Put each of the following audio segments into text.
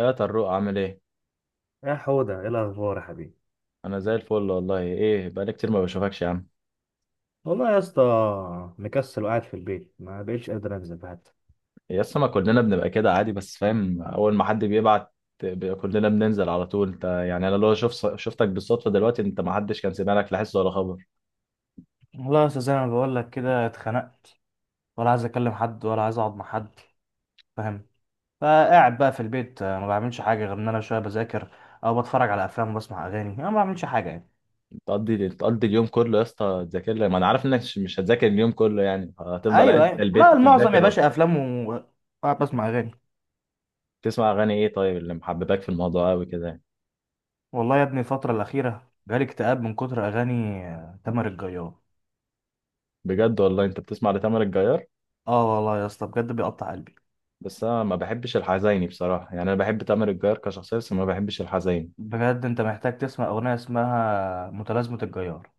يا طروق، عامل ايه؟ يا حودة ايه الأخبار يا حبيبي؟ انا زي الفل والله. ايه، بقالي كتير ما بشوفكش يا عم. والله يا اسطى، مكسل وقاعد في البيت ما بقتش قادر أنزل حتى. يا اسطى، ما كلنا بنبقى كده عادي، بس فاهم، اول ما حد بيبعت بيبقى كلنا بننزل على طول. انت يعني، انا لو شفتك بالصدفه دلوقتي، انت ما حدش كان سمع لك، لا حس ولا خبر. والله يا أستاذ زي ما بقول لك كده اتخنقت، ولا عايز اكلم حد ولا عايز اقعد مع حد، فاهم. فقاعد بقى في البيت، ما بعملش حاجه غير ان انا شويه بذاكر او بتفرج على افلام وبسمع اغاني. انا ما بعملش حاجه يعني. تقضي اليوم كله يا اسطى تذاكر لي؟ ما انا عارف انك مش هتذاكر اليوم كله، يعني هتفضل ايوه قاعد في ايوه، لا البيت المعظم يا تذاكر. باشا افلام و- وقاعد بسمع اغاني. تسمع اغاني ايه؟ طيب، اللي محببك في الموضوع قوي كده يعني؟ والله يا ابني الفتره الاخيره جالي اكتئاب من كتر اغاني تامر الجيار. بجد؟ والله انت بتسمع لتامر الجيار؟ اه والله يا اسطى بجد بيقطع قلبي. بس انا ما بحبش الحزيني بصراحه، يعني انا بحب تامر الجيار كشخصيه، بس ما بحبش الحزيني. بجد انت محتاج تسمع اغنيه اسمها متلازمه الجيار.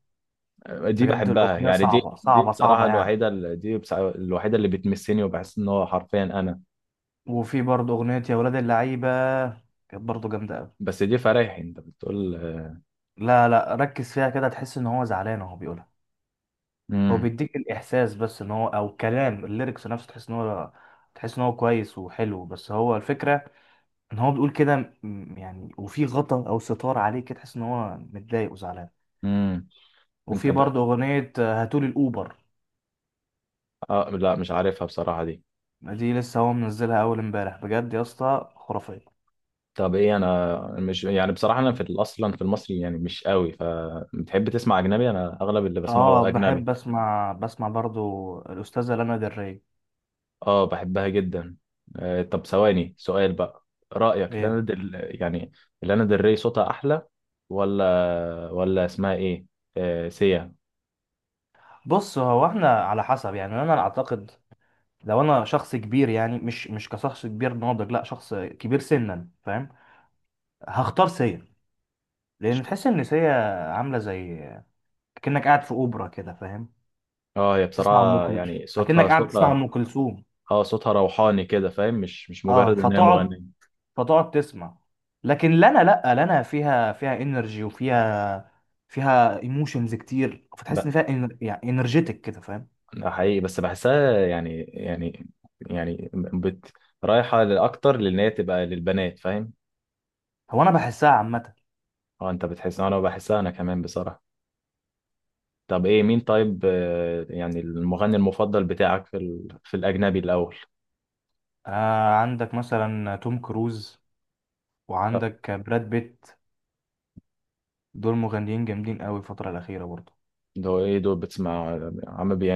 دي بجد بحبها الاغنيه يعني، دي صعبه دي صعبه بصراحة صعبه يعني. الوحيدة اللي الوحيدة اللي بتمسني، وبحس ان هو حرفيا انا. وفي برضه اغنيه يا ولاد اللعيبه، كانت برضه جامده قوي. بس دي فرايحي انت بتقول. لا لا، ركز فيها كده تحس ان هو زعلان وهو بيقولها. هو امم، بيديك الاحساس بس ان هو، او كلام الليركس نفسه، تحس ان هو كويس وحلو، بس هو الفكره ان هو بيقول كده. يعني وفي غطا او ستار عليه كده، تحس ان هو متضايق وزعلان. امم. انت وفي ب... برضه اغنيه هاتولي الاوبر. آه، لا مش عارفها بصراحة دي. دي لسه هو منزلها اول امبارح، بجد يا اسطى خرافيه. طب ايه، انا مش يعني بصراحة، انا في اصلا في المصري يعني مش قوي، فبتحب تسمع اجنبي، انا اغلب اللي اه بسمعه اجنبي. بحب بسمع برضو الاستاذه لانا del ري. اه، بحبها جدا. آه، طب ثواني، سؤال بقى. رأيك ايه، يعني، لانا دري صوتها احلى، ولا اسمها ايه، آه، سيا؟ بص هو احنا على حسب يعني انا اعتقد. لو انا شخص كبير، يعني مش كشخص كبير ناضج، لا شخص كبير سنا، فاهم، هختار سيا. لان تحس ان سيا عامله زي، كأنك قاعد في اوبرا كده، فاهم. اه، هي تسمع ام بصراحة كلثوم يعني اكنك صوتها قاعد بتسمع صوتها ام كلثوم. اه، صوتها روحاني كده، فاهم، مش اه مجرد ان هي فتقعد مغنية تسمع. لكن لنا، لا لنا فيها انرجي وفيها ايموشنز كتير، فتحس ان بقى. فيها يعني انرجيتك كده، فاهم. ده حقيقي، بس بحسها يعني، يعني بت رايحة لأكتر، لأن هي تبقى للبنات فاهم. هو انا بحسها عامه. اه، انت بتحس، انا بحسها انا كمان بصراحة. طب ايه، مين طيب، يعني المغني المفضل بتاعك في في الأجنبي الأول؟ عندك مثلا توم كروز آه. وعندك براد بيت. دول مغنيين جامدين قوي الفتره الاخيره برضه. ده هو ايه دول بتسمع، عم بي...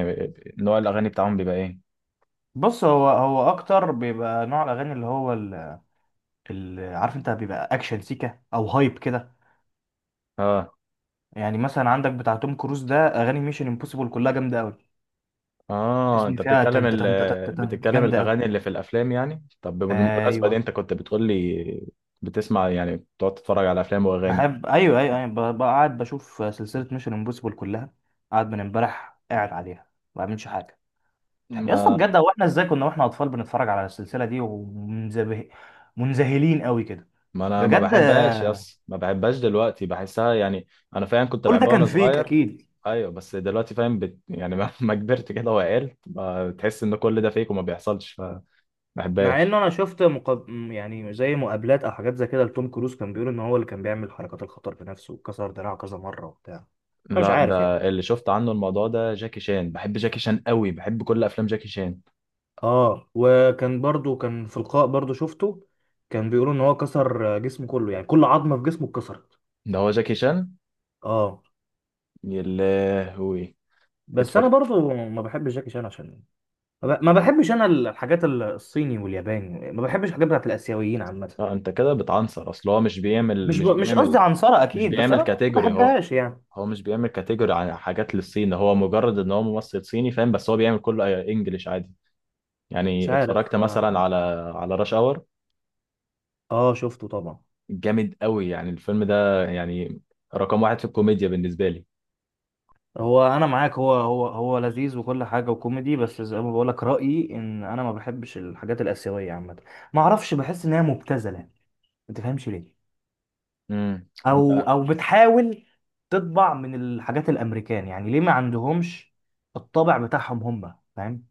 نوع الأغاني بتاعهم بيبقى ايه؟ بص هو اكتر بيبقى نوع الاغاني اللي هو عارف انت بيبقى اكشن سيكا او هايب كده. اه، يعني مثلا عندك بتاع توم كروز ده، اغاني ميشن امبوسيبل كلها جامده قوي. اه، تحس ان انت فيها بتتكلم تن تن تن تن بتتكلم جامده قوي. الاغاني اللي في الافلام يعني، طب بالمناسبه دي ايوه انت كنت بتقول لي، بتسمع يعني بتقعد تتفرج على افلام واغاني. بحب، ايوه ايوه ايوه، بقعد بشوف سلسله ميشن امبوسيبل كلها. قاعد من امبارح قاعد عليها ما بعملش حاجه. يا اسطى ما بجد، هو احنا ازاي كنا واحنا اطفال بنتفرج على السلسله دي ومنزبه منذهلين قوي كده. ما انا ما بجد بحبهاش يس، ما بحبهاش دلوقتي، بحسها يعني. انا فاهم، كنت كل ده بحبها كان وانا فيك صغير. اكيد. ايوه، بس دلوقتي فاهم، يعني ما ما كبرت كده وعقلت بقى، بتحس ان كل ده فيك وما بيحصلش، فما مع انه بحبهاش. انا شفت يعني زي مقابلات او حاجات زي كده لتوم كروز، كان بيقول ان هو اللي كان بيعمل حركات الخطر بنفسه، وكسر دراعه كذا مره وبتاع. انا مش لا، عارف يعني. ده اللي شفت عنه، الموضوع ده جاكي شان، بحب جاكي شان قوي، بحب كل افلام جاكي شان. اه وكان برضو كان في لقاء برضو شفته، كان بيقولوا ان هو كسر جسمه كله، يعني كل عظمه في جسمه اتكسرت. ده هو جاكي شان؟ اه يا لهوي! بس انا برضو ما بحبش جاكي شان، عشان ما بحبش انا الحاجات الصيني والياباني. ما بحبش الحاجات بتاعت الاسيويين عامه. لا، انت كده بتعنصر، اصل هو مش قصدي عنصرة مش اكيد، بس بيعمل انا ما كاتيجوري هو. بحبهاش يعني. هو مش بيعمل كاتيجوري عن حاجات للصين، هو مجرد ان هو ممثل صيني فاهم، بس هو بيعمل كله انجليش عادي. مش يعني عارف اتفرجت مثلا اه. على راش اور. شفته طبعا. جامد قوي يعني الفيلم ده، يعني رقم واحد في الكوميديا بالنسبه لي. هو انا معاك، هو لذيذ وكل حاجه وكوميدي، بس زي ما بقولك رايي ان انا ما بحبش الحاجات الاسيويه عامه. ما اعرفش، بحس ان هي مبتذله، ما تفهمش ليه. امم. او او بتحاول تطبع من الحاجات الامريكان، يعني ليه ما عندهمش الطابع بتاعهم هم، فاهم.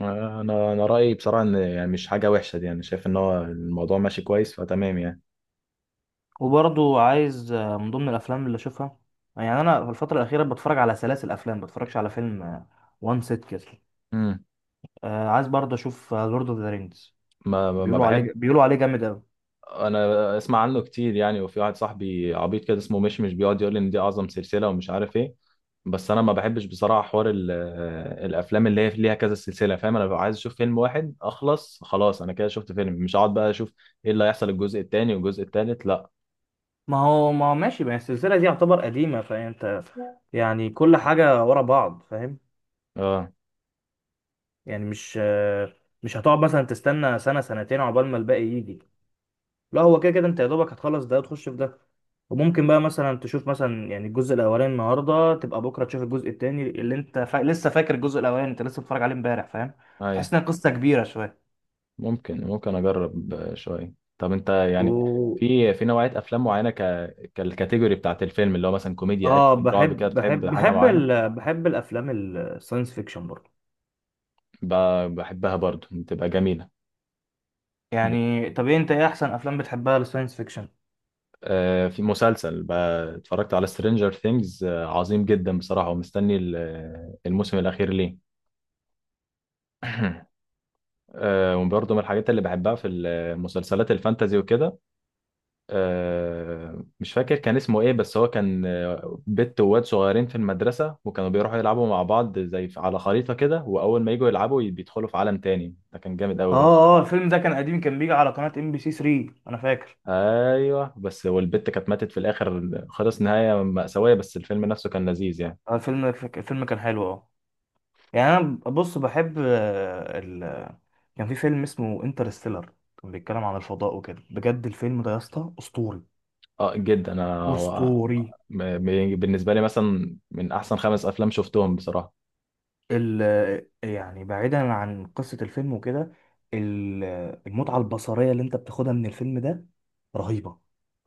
انا انا رايي بصراحه، ان يعني مش حاجه وحشه دي، انا شايف ان هو الموضوع ماشي كويس، فتمام يعني. وبرضو عايز من ضمن الافلام اللي اشوفها، يعني انا في الفتره الاخيره بتفرج على سلاسل افلام ما بتفرجش على فيلم وان سيت كده. امم. عايز برضه اشوف لورد اوف ذا رينجز. ما بحبش. بيقولوا عليه جامد قوي. انا اسمع عنه كتير يعني، وفي واحد صاحبي عبيط كده اسمه مشمش بيقعد يقول لي ان دي اعظم سلسله ومش عارف ايه. بس انا ما بحبش بصراحه، حوار الافلام اللي هي ليها كذا سلسله فاهم، انا ببقى عايز اشوف فيلم واحد اخلص خلاص، انا كده شفت فيلم، مش هقعد بقى اشوف ايه اللي هيحصل الجزء التاني والجزء التالت، لا. ما هو ماشي، ما هي السلسله دي يعتبر قديمه، فانت يعني كل حاجه ورا بعض، فاهم. اه، يعني مش هتقعد مثلا تستنى سنه سنتين عقبال ما الباقي يجي. لا هو كده كده انت يا دوبك هتخلص ده وتخش في ده. وممكن بقى مثلا تشوف مثلا يعني الجزء الاولاني النهارده، تبقى بكره تشوف الجزء التاني اللي انت لسه فاكر الجزء الاولاني، انت لسه بتتفرج عليه امبارح، فاهم. اي. تحس انها قصه كبيره شويه. ممكن اجرب شويه، طب انت و... يعني في نوعيه افلام معينه، كالكاتيجوري بتاعت الفيلم، اللي هو مثلا كوميديا، اه اكشن، رعب كده، بتحب حاجه معينه؟ بحب الافلام الساينس فيكشن برضه. بحبها برضو، بتبقى جميله. يعني طب ايه انت، ايه احسن افلام بتحبها للساينس فيكشن؟ في مسلسل بقى اتفرجت على سترينجر ثينجز، عظيم جدا بصراحة، ومستني الموسم الأخير ليه. وبرضه من الحاجات اللي بحبها في المسلسلات الفانتازي وكده. مش فاكر كان اسمه ايه، بس هو كان بنت وواد صغيرين في المدرسة، وكانوا بيروحوا يلعبوا مع بعض زي على خريطة كده، وأول ما يجوا يلعبوا بيدخلوا في عالم تاني. ده كان جامد أوي برضه. اه اه، الفيلم ده كان قديم، كان بيجي على قناه ام بي سي 3 انا فاكر. ايوه، بس والبت كانت ماتت في الاخر خلص، نهايه مأساويه، بس الفيلم نفسه كان لذيذ يعني. الفيلم كان حلو اه. يعني انا بص بحب كان في فيلم اسمه انترستيلر، كان بيتكلم عن الفضاء وكده. بجد الفيلم ده يا اسطى اسطوري اه، جدا. انا اسطوري. بالنسبة لي مثلا من أحسن 5 أفلام شفتهم بصراحة. ال... يعني بعيدا عن قصة الفيلم وكده، ال- المتعة البصرية اللي انت بتاخدها من الفيلم ده رهيبة.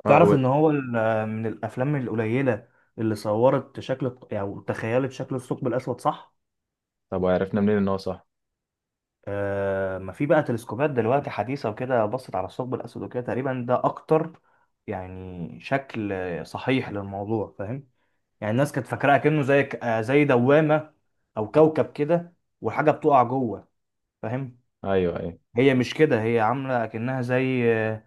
اه. تعرف ان هو من الافلام القليلة اللي صورت او يعني تخيلت شكل الثقب الاسود، صح. طب وعرفنا منين إن هو صح؟ ما في بقى تلسكوبات دلوقتي حديثة وكده، بصت على الثقب الأسود وكده، تقريبا ده أكتر يعني شكل صحيح للموضوع، فاهم. يعني الناس كانت فاكراه كأنه زي زي دوامة أو كوكب كده، وحاجة بتقع جوه، فاهم. أيوه، أيوه. هي مش كده، هي عاملة كأنها زي آه،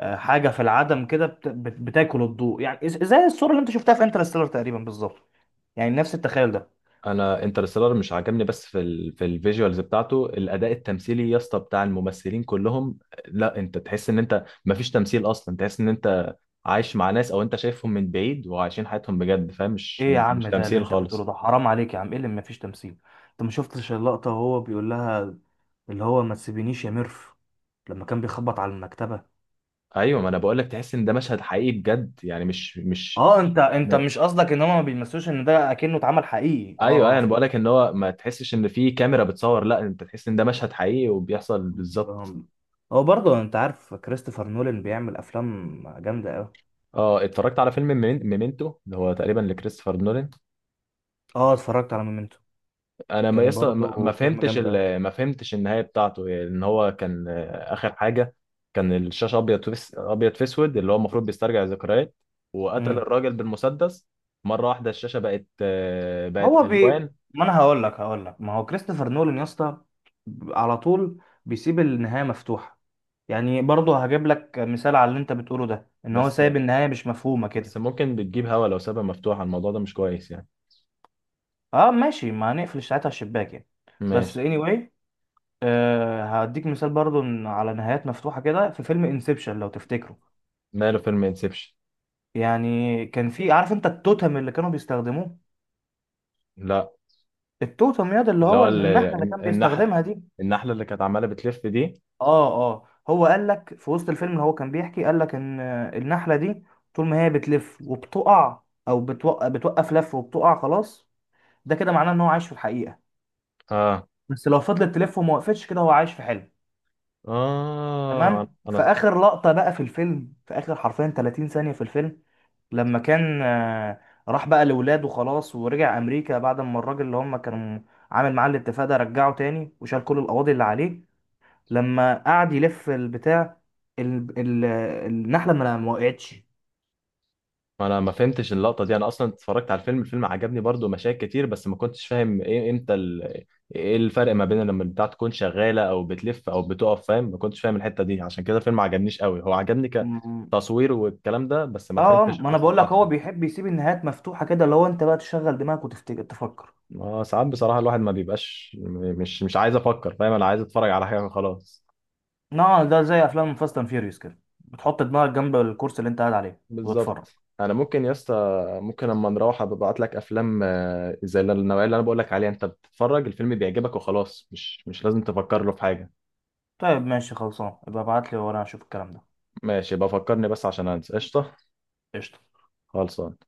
آه، حاجة في العدم كده، بتاكل الضوء. يعني زي الصورة اللي أنت شفتها في انترستيلر تقريبا بالظبط، يعني نفس التخيل ده. أنا انترستيلر مش عجبني، بس في الفيجوالز بتاعته، الأداء التمثيلي يا اسطى بتاع الممثلين كلهم. لا، أنت تحس إن أنت مفيش تمثيل أصلا، تحس إن أنت عايش مع ناس أو أنت شايفهم من بعيد وعايشين حياتهم بجد فاهم، مش ايه يا مش عم؟ ده اللي تمثيل انت بتقوله خالص. ده حرام عليك يا عم. ايه اللي مفيش تمثيل؟ انت ما شفتش اللقطة وهو بيقول لها اللي هو ما تسيبينيش يا ميرف، لما كان بيخبط على المكتبة؟ أيوه، ما أنا بقول لك تحس إن ده مشهد حقيقي بجد يعني، مش. اه انت مش قصدك ان هما ما بيمثلوش، ان ده اكنه اتعمل حقيقي. ايوه، اه ايوه، اه انا فاهم. بقول لك ان هو ما تحسش ان في كاميرا بتصور، لا انت تحس ان ده مشهد حقيقي وبيحصل بالظبط. آم، هو برضه انت عارف كريستوفر نولان بيعمل افلام جامدة اوي. اه، اتفرجت على فيلم ميمنتو اللي هو تقريبا لكريستوفر نولان. اه اتفرجت على مومنتو، انا كان ما برضه فيلم فهمتش جامد اوي. ما فهمتش النهايه بتاعته، يعني ان هو كان اخر حاجه. كان الشاشه ابيض في ابيض في اسود، اللي هو المفروض بيسترجع ذكريات، وقتل امم، الراجل بالمسدس. مره واحده الشاشه بقت هو بي الوان. ما انا هقول لك ما هو كريستوفر نولان يا اسطى على طول بيسيب النهاية مفتوحة. يعني برضه هجيب لك مثال على اللي انت بتقوله ده، ان هو بس سايب النهايه مش مفهومه بس كده. ممكن بتجيب هوا، لو سابها مفتوحه الموضوع ده مش كويس يعني. اه ماشي، ما هنقفل ساعتها الشباك يعني. بس ماشي. anyway، هديك مثال برضه على نهايات مفتوحه كده في فيلم انسبشن لو تفتكره. ماله فيلم انسبشن؟ يعني كان في، عارف انت التوتم اللي كانوا بيستخدموه؟ لا، التوتم ياد اللي اللي هو هو النحله اللي كان النحل، بيستخدمها دي. النحلة اللي كانت عمالة بتلف دي. اه اه، هو قال لك في وسط الفيلم اللي هو كان بيحكي، قال لك ان النحله دي طول ما هي بتلف وبتقع، او بتوقف لف وبتقع خلاص، ده كده معناه ان هو عايش في الحقيقه. اه، بس لو فضلت تلف وما وقفتش، كده هو عايش في حلم. اه، تمام. في انا اخر لقطه بقى في الفيلم، في اخر حرفيا 30 ثانيه في الفيلم، لما كان راح بقى لاولاده خلاص ورجع امريكا بعد ما الراجل اللي هم كانوا عامل معاه الاتفاق ده رجعه تاني وشال كل القواضي اللي عليه، لما قعد يلف البتاع، ال... ال... النحله ما وقعتش. انا ما فهمتش اللقطة دي، انا اصلا اتفرجت على الفيلم. الفيلم عجبني برضو، مشاهد كتير، بس ما كنتش فاهم ايه، امتى ايه الفرق ما بين لما البتاع تكون شغالة، او بتلف او بتقف فاهم، ما كنتش فاهم الحتة دي، عشان كده الفيلم ما عجبنيش قوي، هو عجبني م- كتصوير والكلام ده، بس ما اه فهمتش ما انا القصة بقول لك، بتاعته هو قوي. بيحب يسيب النهايات مفتوحه كده، اللي هو انت بقى تشغل دماغك وتفتكر تفكر. اه، ساعات بصراحة الواحد ما بيبقاش، مش عايز افكر فاهم، انا عايز اتفرج على حاجة خلاص. نعم، ده زي افلام فاست اند فيوريوس كده، بتحط دماغك جنب الكرسي اللي انت قاعد عليه وتتفرج. بالظبط. انا ممكن يا اسطى، ممكن اما نروح ابعت لك افلام، زي النوعيه اللي انا بقول لك عليها، انت بتتفرج الفيلم بيعجبك وخلاص، مش لازم تفكر له في حاجه. طيب ماشي خلصان، يبقى ابعت لي وانا اشوف الكلام ده. ماشي، بفكرني بس عشان انسى، قشطه. قشطة. خلصان.